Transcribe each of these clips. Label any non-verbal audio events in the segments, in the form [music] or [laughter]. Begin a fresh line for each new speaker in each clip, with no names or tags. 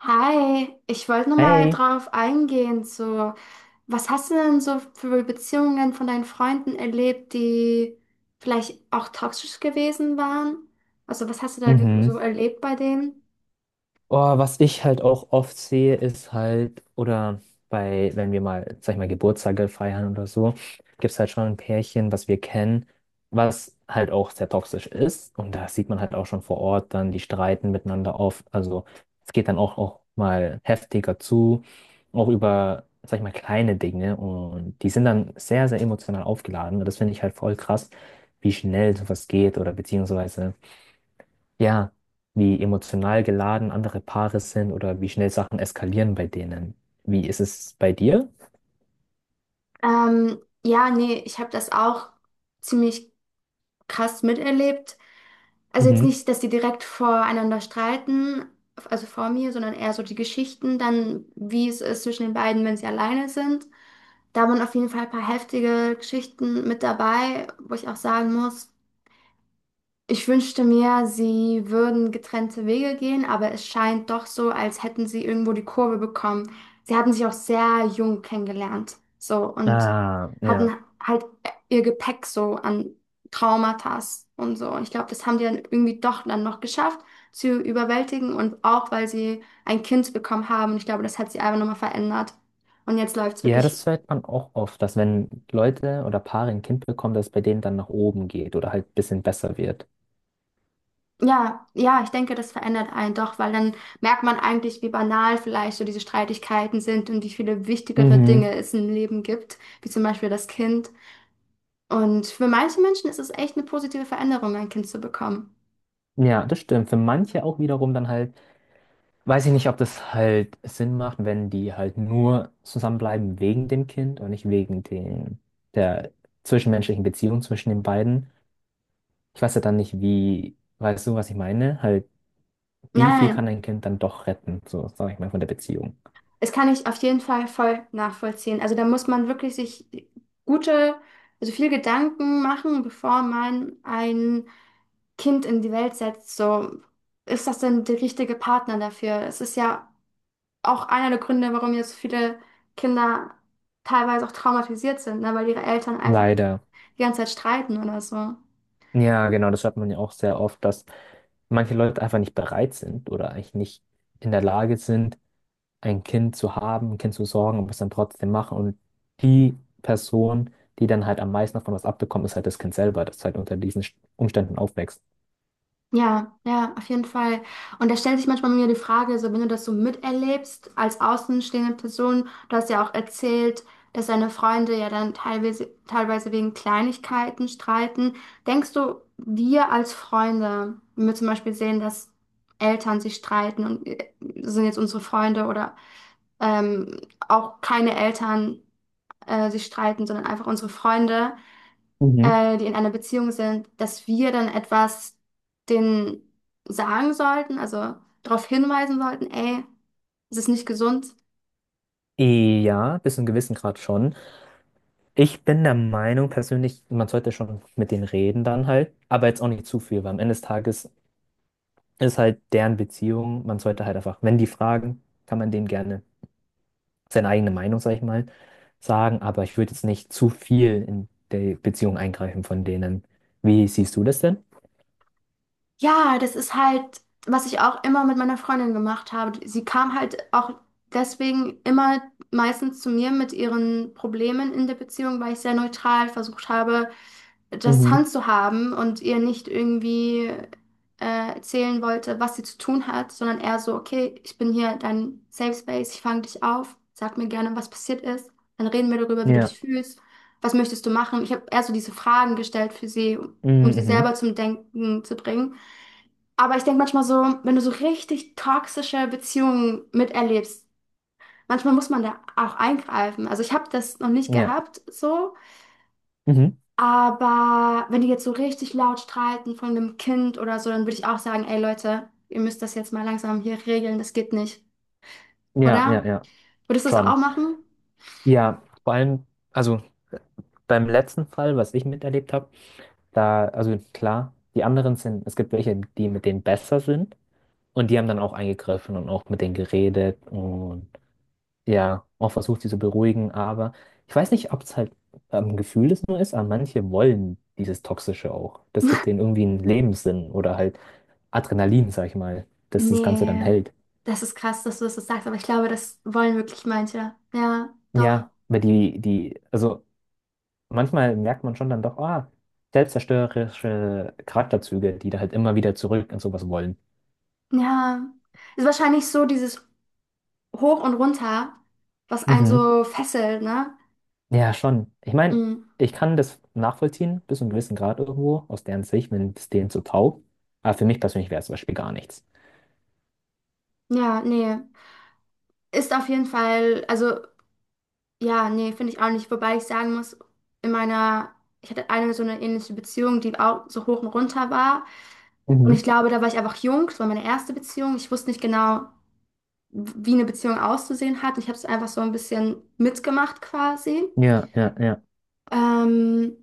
Hi, ich wollte nur mal
Hey.
drauf eingehen, so, was hast du denn so für Beziehungen von deinen Freunden erlebt, die vielleicht auch toxisch gewesen waren? Also, was hast du da
Mhm.
so erlebt bei denen?
Oh, was ich halt auch oft sehe, ist halt, oder bei, wenn wir mal, sag ich mal, Geburtstage feiern oder so, gibt es halt schon ein Pärchen, was wir kennen, was halt auch sehr toxisch ist. Und da sieht man halt auch schon vor Ort dann, die streiten miteinander oft. Also es geht dann auch mal heftiger zu, auch über, sag ich mal, kleine Dinge. Und die sind dann sehr emotional aufgeladen. Und das finde ich halt voll krass, wie schnell sowas geht oder beziehungsweise, ja, wie emotional geladen andere Paare sind oder wie schnell Sachen eskalieren bei denen. Wie ist es bei dir?
Ähm, ja, nee, ich habe das auch ziemlich krass miterlebt. Also jetzt
Mhm.
nicht, dass die direkt voreinander streiten, also vor mir, sondern eher so die Geschichten, dann wie es ist zwischen den beiden, wenn sie alleine sind. Da waren auf jeden Fall ein paar heftige Geschichten mit dabei, wo ich auch sagen muss, ich wünschte mir, sie würden getrennte Wege gehen, aber es scheint doch so, als hätten sie irgendwo die Kurve bekommen. Sie hatten sich auch sehr jung kennengelernt, so und
Ah, ja.
hatten halt ihr Gepäck so an Traumata und so. Und ich glaube, das haben die dann irgendwie doch dann noch geschafft zu überwältigen und auch, weil sie ein Kind bekommen haben. Und ich glaube, das hat sie einfach nochmal verändert. Und jetzt läuft es
Ja,
wirklich.
das hört man auch oft, dass, wenn Leute oder Paare ein Kind bekommen, dass es bei denen dann nach oben geht oder halt ein bisschen besser wird.
Ja, ja, ich denke, das verändert einen doch, weil dann merkt man eigentlich, wie banal vielleicht so diese Streitigkeiten sind und wie viele wichtigere
Mhm.
Dinge es im Leben gibt, wie zum Beispiel das Kind. Und für manche Menschen ist es echt eine positive Veränderung, ein Kind zu bekommen.
Ja, das stimmt. Für manche auch wiederum dann halt, weiß ich nicht, ob das halt Sinn macht, wenn die halt nur zusammenbleiben wegen dem Kind und nicht wegen den, der zwischenmenschlichen Beziehung zwischen den beiden. Ich weiß ja dann nicht, wie, weißt du, was ich meine? Halt,
Nein,
wie viel
nein,
kann ein Kind dann doch retten, so sag ich mal, von der Beziehung?
es kann ich auf jeden Fall voll nachvollziehen. Also da muss man wirklich sich gute, also viel Gedanken machen, bevor man ein Kind in die Welt setzt. So, ist das denn der richtige Partner dafür? Es ist ja auch einer der Gründe, warum jetzt viele Kinder teilweise auch traumatisiert sind, ne? Weil ihre Eltern einfach
Leider.
die ganze Zeit streiten oder so.
Ja, genau, das hört man ja auch sehr oft, dass manche Leute einfach nicht bereit sind oder eigentlich nicht in der Lage sind, ein Kind zu haben, ein Kind zu sorgen, aber es dann trotzdem machen. Und die Person, die dann halt am meisten davon was abbekommt, ist halt das Kind selber, das halt unter diesen Umständen aufwächst.
Ja, ja, auf jeden Fall. Und da stellt sich manchmal mir die Frage, so wenn du das so miterlebst als außenstehende Person, du hast ja auch erzählt, dass deine Freunde ja dann teilweise wegen Kleinigkeiten streiten. Denkst du, wir als Freunde, wenn wir zum Beispiel sehen, dass Eltern sich streiten und sind jetzt unsere Freunde oder ähm, auch keine Eltern sich streiten, sondern einfach unsere Freunde,
Mhm.
die in einer Beziehung sind, dass wir dann etwas denen sagen sollten, also darauf hinweisen sollten, ey, es ist nicht gesund.
Ja, bis zu einem gewissen Grad schon. Ich bin der Meinung persönlich, man sollte schon mit denen reden dann halt, aber jetzt auch nicht zu viel, weil am Ende des Tages ist halt deren Beziehung, man sollte halt einfach, wenn die fragen, kann man denen gerne seine eigene Meinung, sag ich mal, sagen, aber ich würde jetzt nicht zu viel in die Beziehung eingreifen von denen. Wie siehst du das denn?
Ja, das ist halt, was ich auch immer mit meiner Freundin gemacht habe. Sie kam halt auch deswegen immer meistens zu mir mit ihren Problemen in der Beziehung, weil ich sehr neutral versucht habe, das
Mhm.
handzuhaben und ihr nicht irgendwie erzählen wollte, was sie zu tun hat, sondern eher so, okay, ich bin hier dein Safe Space, ich fange dich auf, sag mir gerne, was passiert ist, dann reden wir darüber, wie du
Ja.
dich fühlst, was möchtest du machen. Ich habe eher so diese Fragen gestellt für sie, um sie
Mhm.
selber zum Denken zu bringen. Aber ich denke manchmal so, wenn du so richtig toxische Beziehungen miterlebst, manchmal muss man da auch eingreifen. Also ich habe das noch nicht
Mhm. Ja.
gehabt, so,
Mhm.
aber wenn die jetzt so richtig laut streiten von einem Kind oder so, dann würde ich auch sagen, ey Leute, ihr müsst das jetzt mal langsam hier regeln, das geht nicht,
Ja, ja,
oder?
ja.
Würdest du das
Schon.
auch machen?
Ja, vor allem, also beim letzten Fall, was ich miterlebt habe. Da, also klar, die anderen sind, es gibt welche, die mit denen besser sind, und die haben dann auch eingegriffen und auch mit denen geredet und ja, auch versucht, sie zu beruhigen, aber ich weiß nicht, ob es halt am Gefühl es nur ist, aber manche wollen dieses Toxische auch. Das gibt
[laughs]
denen irgendwie einen Lebenssinn oder halt Adrenalin, sag ich mal, dass das Ganze dann
Nee,
hält.
das ist krass, dass du das jetzt sagst, aber ich glaube, das wollen wirklich manche. Ja, doch.
Ja, aber also manchmal merkt man schon dann doch, ah, selbstzerstörerische Charakterzüge, die da halt immer wieder zurück und sowas wollen.
Ja, ist wahrscheinlich so dieses Hoch und Runter, was einen
Mhm.
so fesselt, ne?
Ja, schon. Ich meine,
Mm.
ich kann das nachvollziehen, bis zu einem gewissen Grad irgendwo, aus deren Sicht, wenn es denen so taugt. Aber für mich persönlich wäre es zum Beispiel gar nichts.
Ja, nee. Ist auf jeden Fall, also. Ja, nee, finde ich auch nicht. Wobei ich sagen muss, in meiner, ich hatte eine so eine ähnliche Beziehung, die auch so hoch und runter war. Und ich
Mhm.
glaube, da war ich einfach jung. Das war meine erste Beziehung. Ich wusste nicht genau, wie eine Beziehung auszusehen hat. Ich habe es einfach so ein bisschen mitgemacht quasi.
Ja, ja, ja.
Ähm,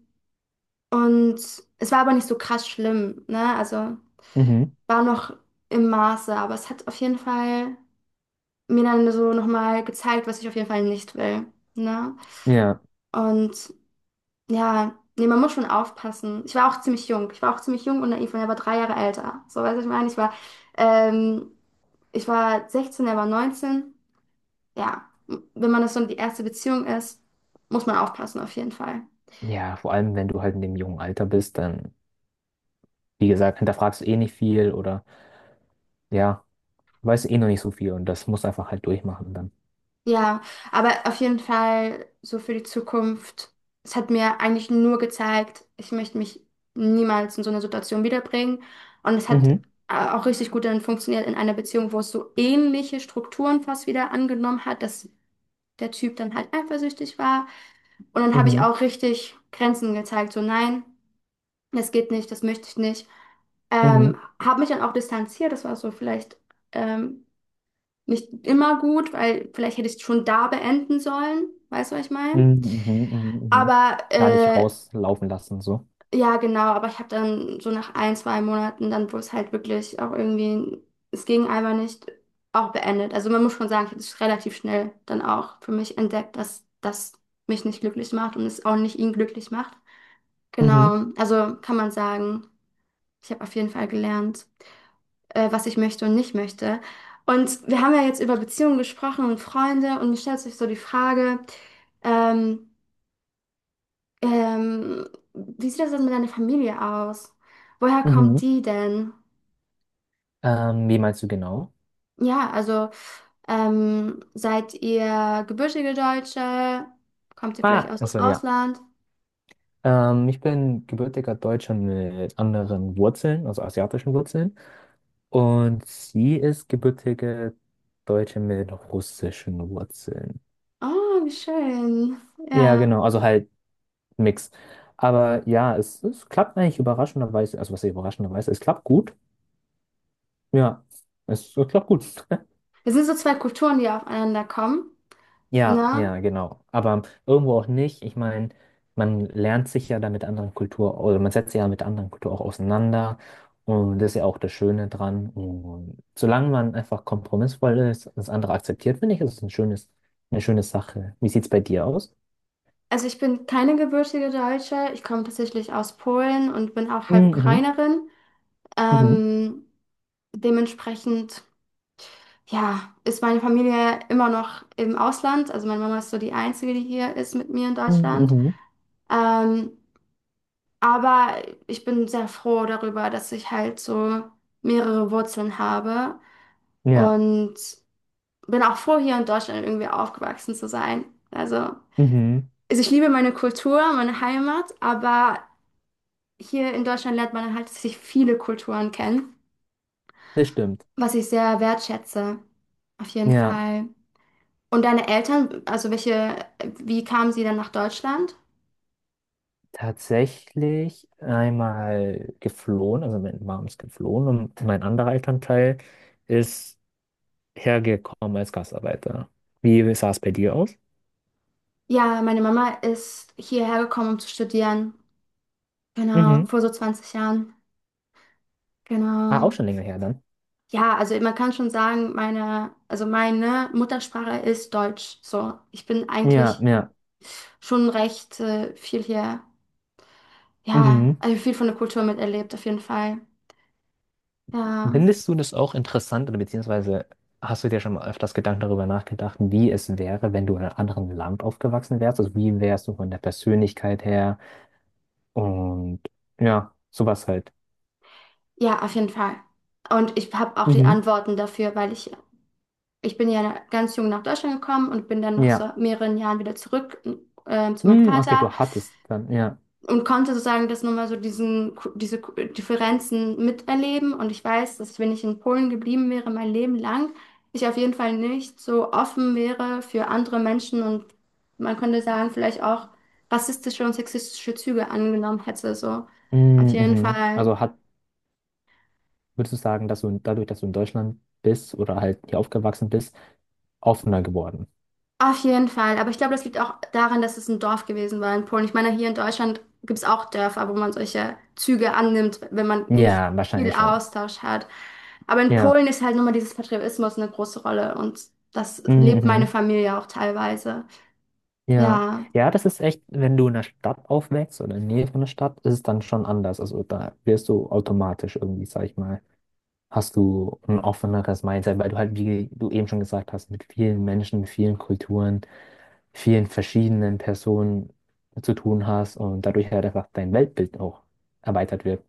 und es war aber nicht so krass schlimm, ne? Also
Mhm.
war noch im Maße, aber es hat auf jeden Fall mir dann so nochmal gezeigt, was ich auf jeden Fall nicht will, ne?
Ja.
Und ja, nee, man muss schon aufpassen. Ich war auch ziemlich jung. Ich war auch ziemlich jung und naiv und er war 3 Jahre älter. So, weißt du, was ich meine? Ähm, ich war 16, er war 19. Ja, wenn man das so die erste Beziehung ist, muss man aufpassen, auf jeden Fall.
Ja, vor allem, wenn du halt in dem jungen Alter bist, dann, wie gesagt, hinterfragst du eh nicht viel oder ja, weißt du eh noch nicht so viel, und das musst du einfach halt durchmachen dann.
Ja, aber auf jeden Fall so für die Zukunft. Es hat mir eigentlich nur gezeigt, ich möchte mich niemals in so eine Situation wiederbringen. Und es hat
Mhm.
auch richtig gut dann funktioniert in einer Beziehung, wo es so ähnliche Strukturen fast wieder angenommen hat, dass der Typ dann halt eifersüchtig war. Und dann habe ich
Mhm.
auch richtig Grenzen gezeigt, so nein, das geht nicht, das möchte ich nicht.
Mhm.
Ähm, habe mich dann auch distanziert, das war so vielleicht ähm, nicht immer gut, weil vielleicht hätte ich es schon da beenden sollen, weißt du, was ich meine?
Mhm. Mhm. Mhm. Mhm.
Aber
Gar nicht rauslaufen lassen, so.
ja, genau, aber ich habe dann so nach ein, zwei Monaten, dann wo es halt wirklich auch irgendwie, es ging einfach nicht, auch beendet. Also man muss schon sagen, ich habe es relativ schnell dann auch für mich entdeckt, dass das mich nicht glücklich macht und es auch nicht ihn glücklich macht.
Mhm.
Genau, also kann man sagen, ich habe auf jeden Fall gelernt, was ich möchte und nicht möchte. Und wir haben ja jetzt über Beziehungen gesprochen und Freunde und mir stellt sich so die Frage, ähm, ähm, wie sieht das denn mit deiner Familie aus? Woher
Mhm.
kommt die denn?
Wie meinst du genau?
Ja, also seid ihr gebürtige Deutsche? Kommt ihr vielleicht
Ah,
aus dem
also ja.
Ausland?
Ich bin gebürtiger Deutscher mit anderen Wurzeln, also asiatischen Wurzeln. Und sie ist gebürtige Deutsche mit russischen Wurzeln.
Oh, wie schön.
Ja,
Ja.
genau, also halt Mix. Aber ja, es klappt eigentlich überraschenderweise, also was heißt überraschenderweise, es klappt gut. Ja, es klappt gut. [laughs]
Das sind so zwei Kulturen, die aufeinander kommen.
Ja,
Ne?
ja, genau. Aber irgendwo auch nicht. Ich meine, man lernt sich ja da mit anderen Kultur oder man setzt sich ja mit anderen Kultur auch auseinander. Und das ist ja auch das Schöne dran. Und solange man einfach kompromissvoll ist und das andere akzeptiert, finde ich, ist es ein schönes, eine schöne Sache. Wie sieht es bei dir aus?
Also ich bin keine gebürtige Deutsche. Ich komme tatsächlich aus Polen und bin auch halb
Mhm,
Ukrainerin.
mhm,
Ähm, dementsprechend ja, ist meine Familie immer noch im Ausland. Also meine Mama ist so die Einzige, die hier ist mit mir in
mhm,
Deutschland.
mhm.
Ähm, aber ich bin sehr froh darüber, dass ich halt so mehrere Wurzeln habe
Ja,
und bin auch froh, hier in Deutschland irgendwie aufgewachsen zu sein. Also
mhm,
ich liebe meine Kultur, meine Heimat, aber hier in Deutschland lernt man halt sich viele Kulturen kennen,
das stimmt.
was ich sehr wertschätze. Auf jeden
Ja,
Fall. Und deine Eltern, also welche, wie kamen sie dann nach Deutschland?
tatsächlich einmal geflohen, also meine Mom ist geflohen und mein anderer Elternteil ist hergekommen als Gastarbeiter. Wie sah es bei dir aus?
Ja, meine Mama ist hierher gekommen, um zu studieren. Genau,
Mhm.
vor so 20 Jahren.
Ah, auch
Genau.
schon länger her dann.
Ja, also man kann schon sagen, meine, also meine Muttersprache ist Deutsch. So, ich bin
Ja,
eigentlich
ja.
schon recht viel hier, ja,
Mhm.
also viel von der Kultur miterlebt, auf jeden Fall. Ja,
Findest du das auch interessant oder beziehungsweise hast du dir schon mal öfters Gedanken darüber nachgedacht, wie es wäre, wenn du in einem anderen Land aufgewachsen wärst? Also wie wärst du von der Persönlichkeit her und ja, sowas halt.
ja, auf jeden Fall. Und ich habe auch die
Mhm.
Antworten dafür, weil ich bin ja ganz jung nach Deutschland gekommen und bin dann nach
Ja.
so mehreren Jahren wieder zurück zu meinem
Mhm, okay,
Vater
du hattest dann, ja.
und konnte sozusagen das nochmal so diese Differenzen miterleben. Und ich weiß, dass wenn ich in Polen geblieben wäre, mein Leben lang, ich auf jeden Fall nicht so offen wäre für andere Menschen und man könnte sagen, vielleicht auch rassistische und sexistische Züge angenommen hätte. So auf
Mhm.
jeden
Mhm.
Fall.
Also hat, würdest du sagen, dass du dadurch, dass du in Deutschland bist oder halt hier aufgewachsen bist, offener geworden?
Auf jeden Fall. Aber ich glaube, das liegt auch daran, dass es ein Dorf gewesen war in Polen. Ich meine, hier in Deutschland gibt es auch Dörfer, wo man solche Züge annimmt, wenn man nicht
Ja, wahrscheinlich
viel
schon.
Austausch hat. Aber in
Ja.
Polen ist halt nochmal dieses Patriotismus eine große Rolle und das
Mhm.
lebt meine
Mhm.
Familie auch teilweise.
Ja.
Ja.
Ja, das ist echt, wenn du in der Stadt aufwächst oder in der Nähe von der Stadt, ist es dann schon anders. Also da wirst du automatisch irgendwie, sag ich mal, hast du ein offeneres Mindset, weil du halt, wie du eben schon gesagt hast, mit vielen Menschen, vielen Kulturen, vielen verschiedenen Personen zu tun hast und dadurch halt einfach dein Weltbild auch erweitert wird.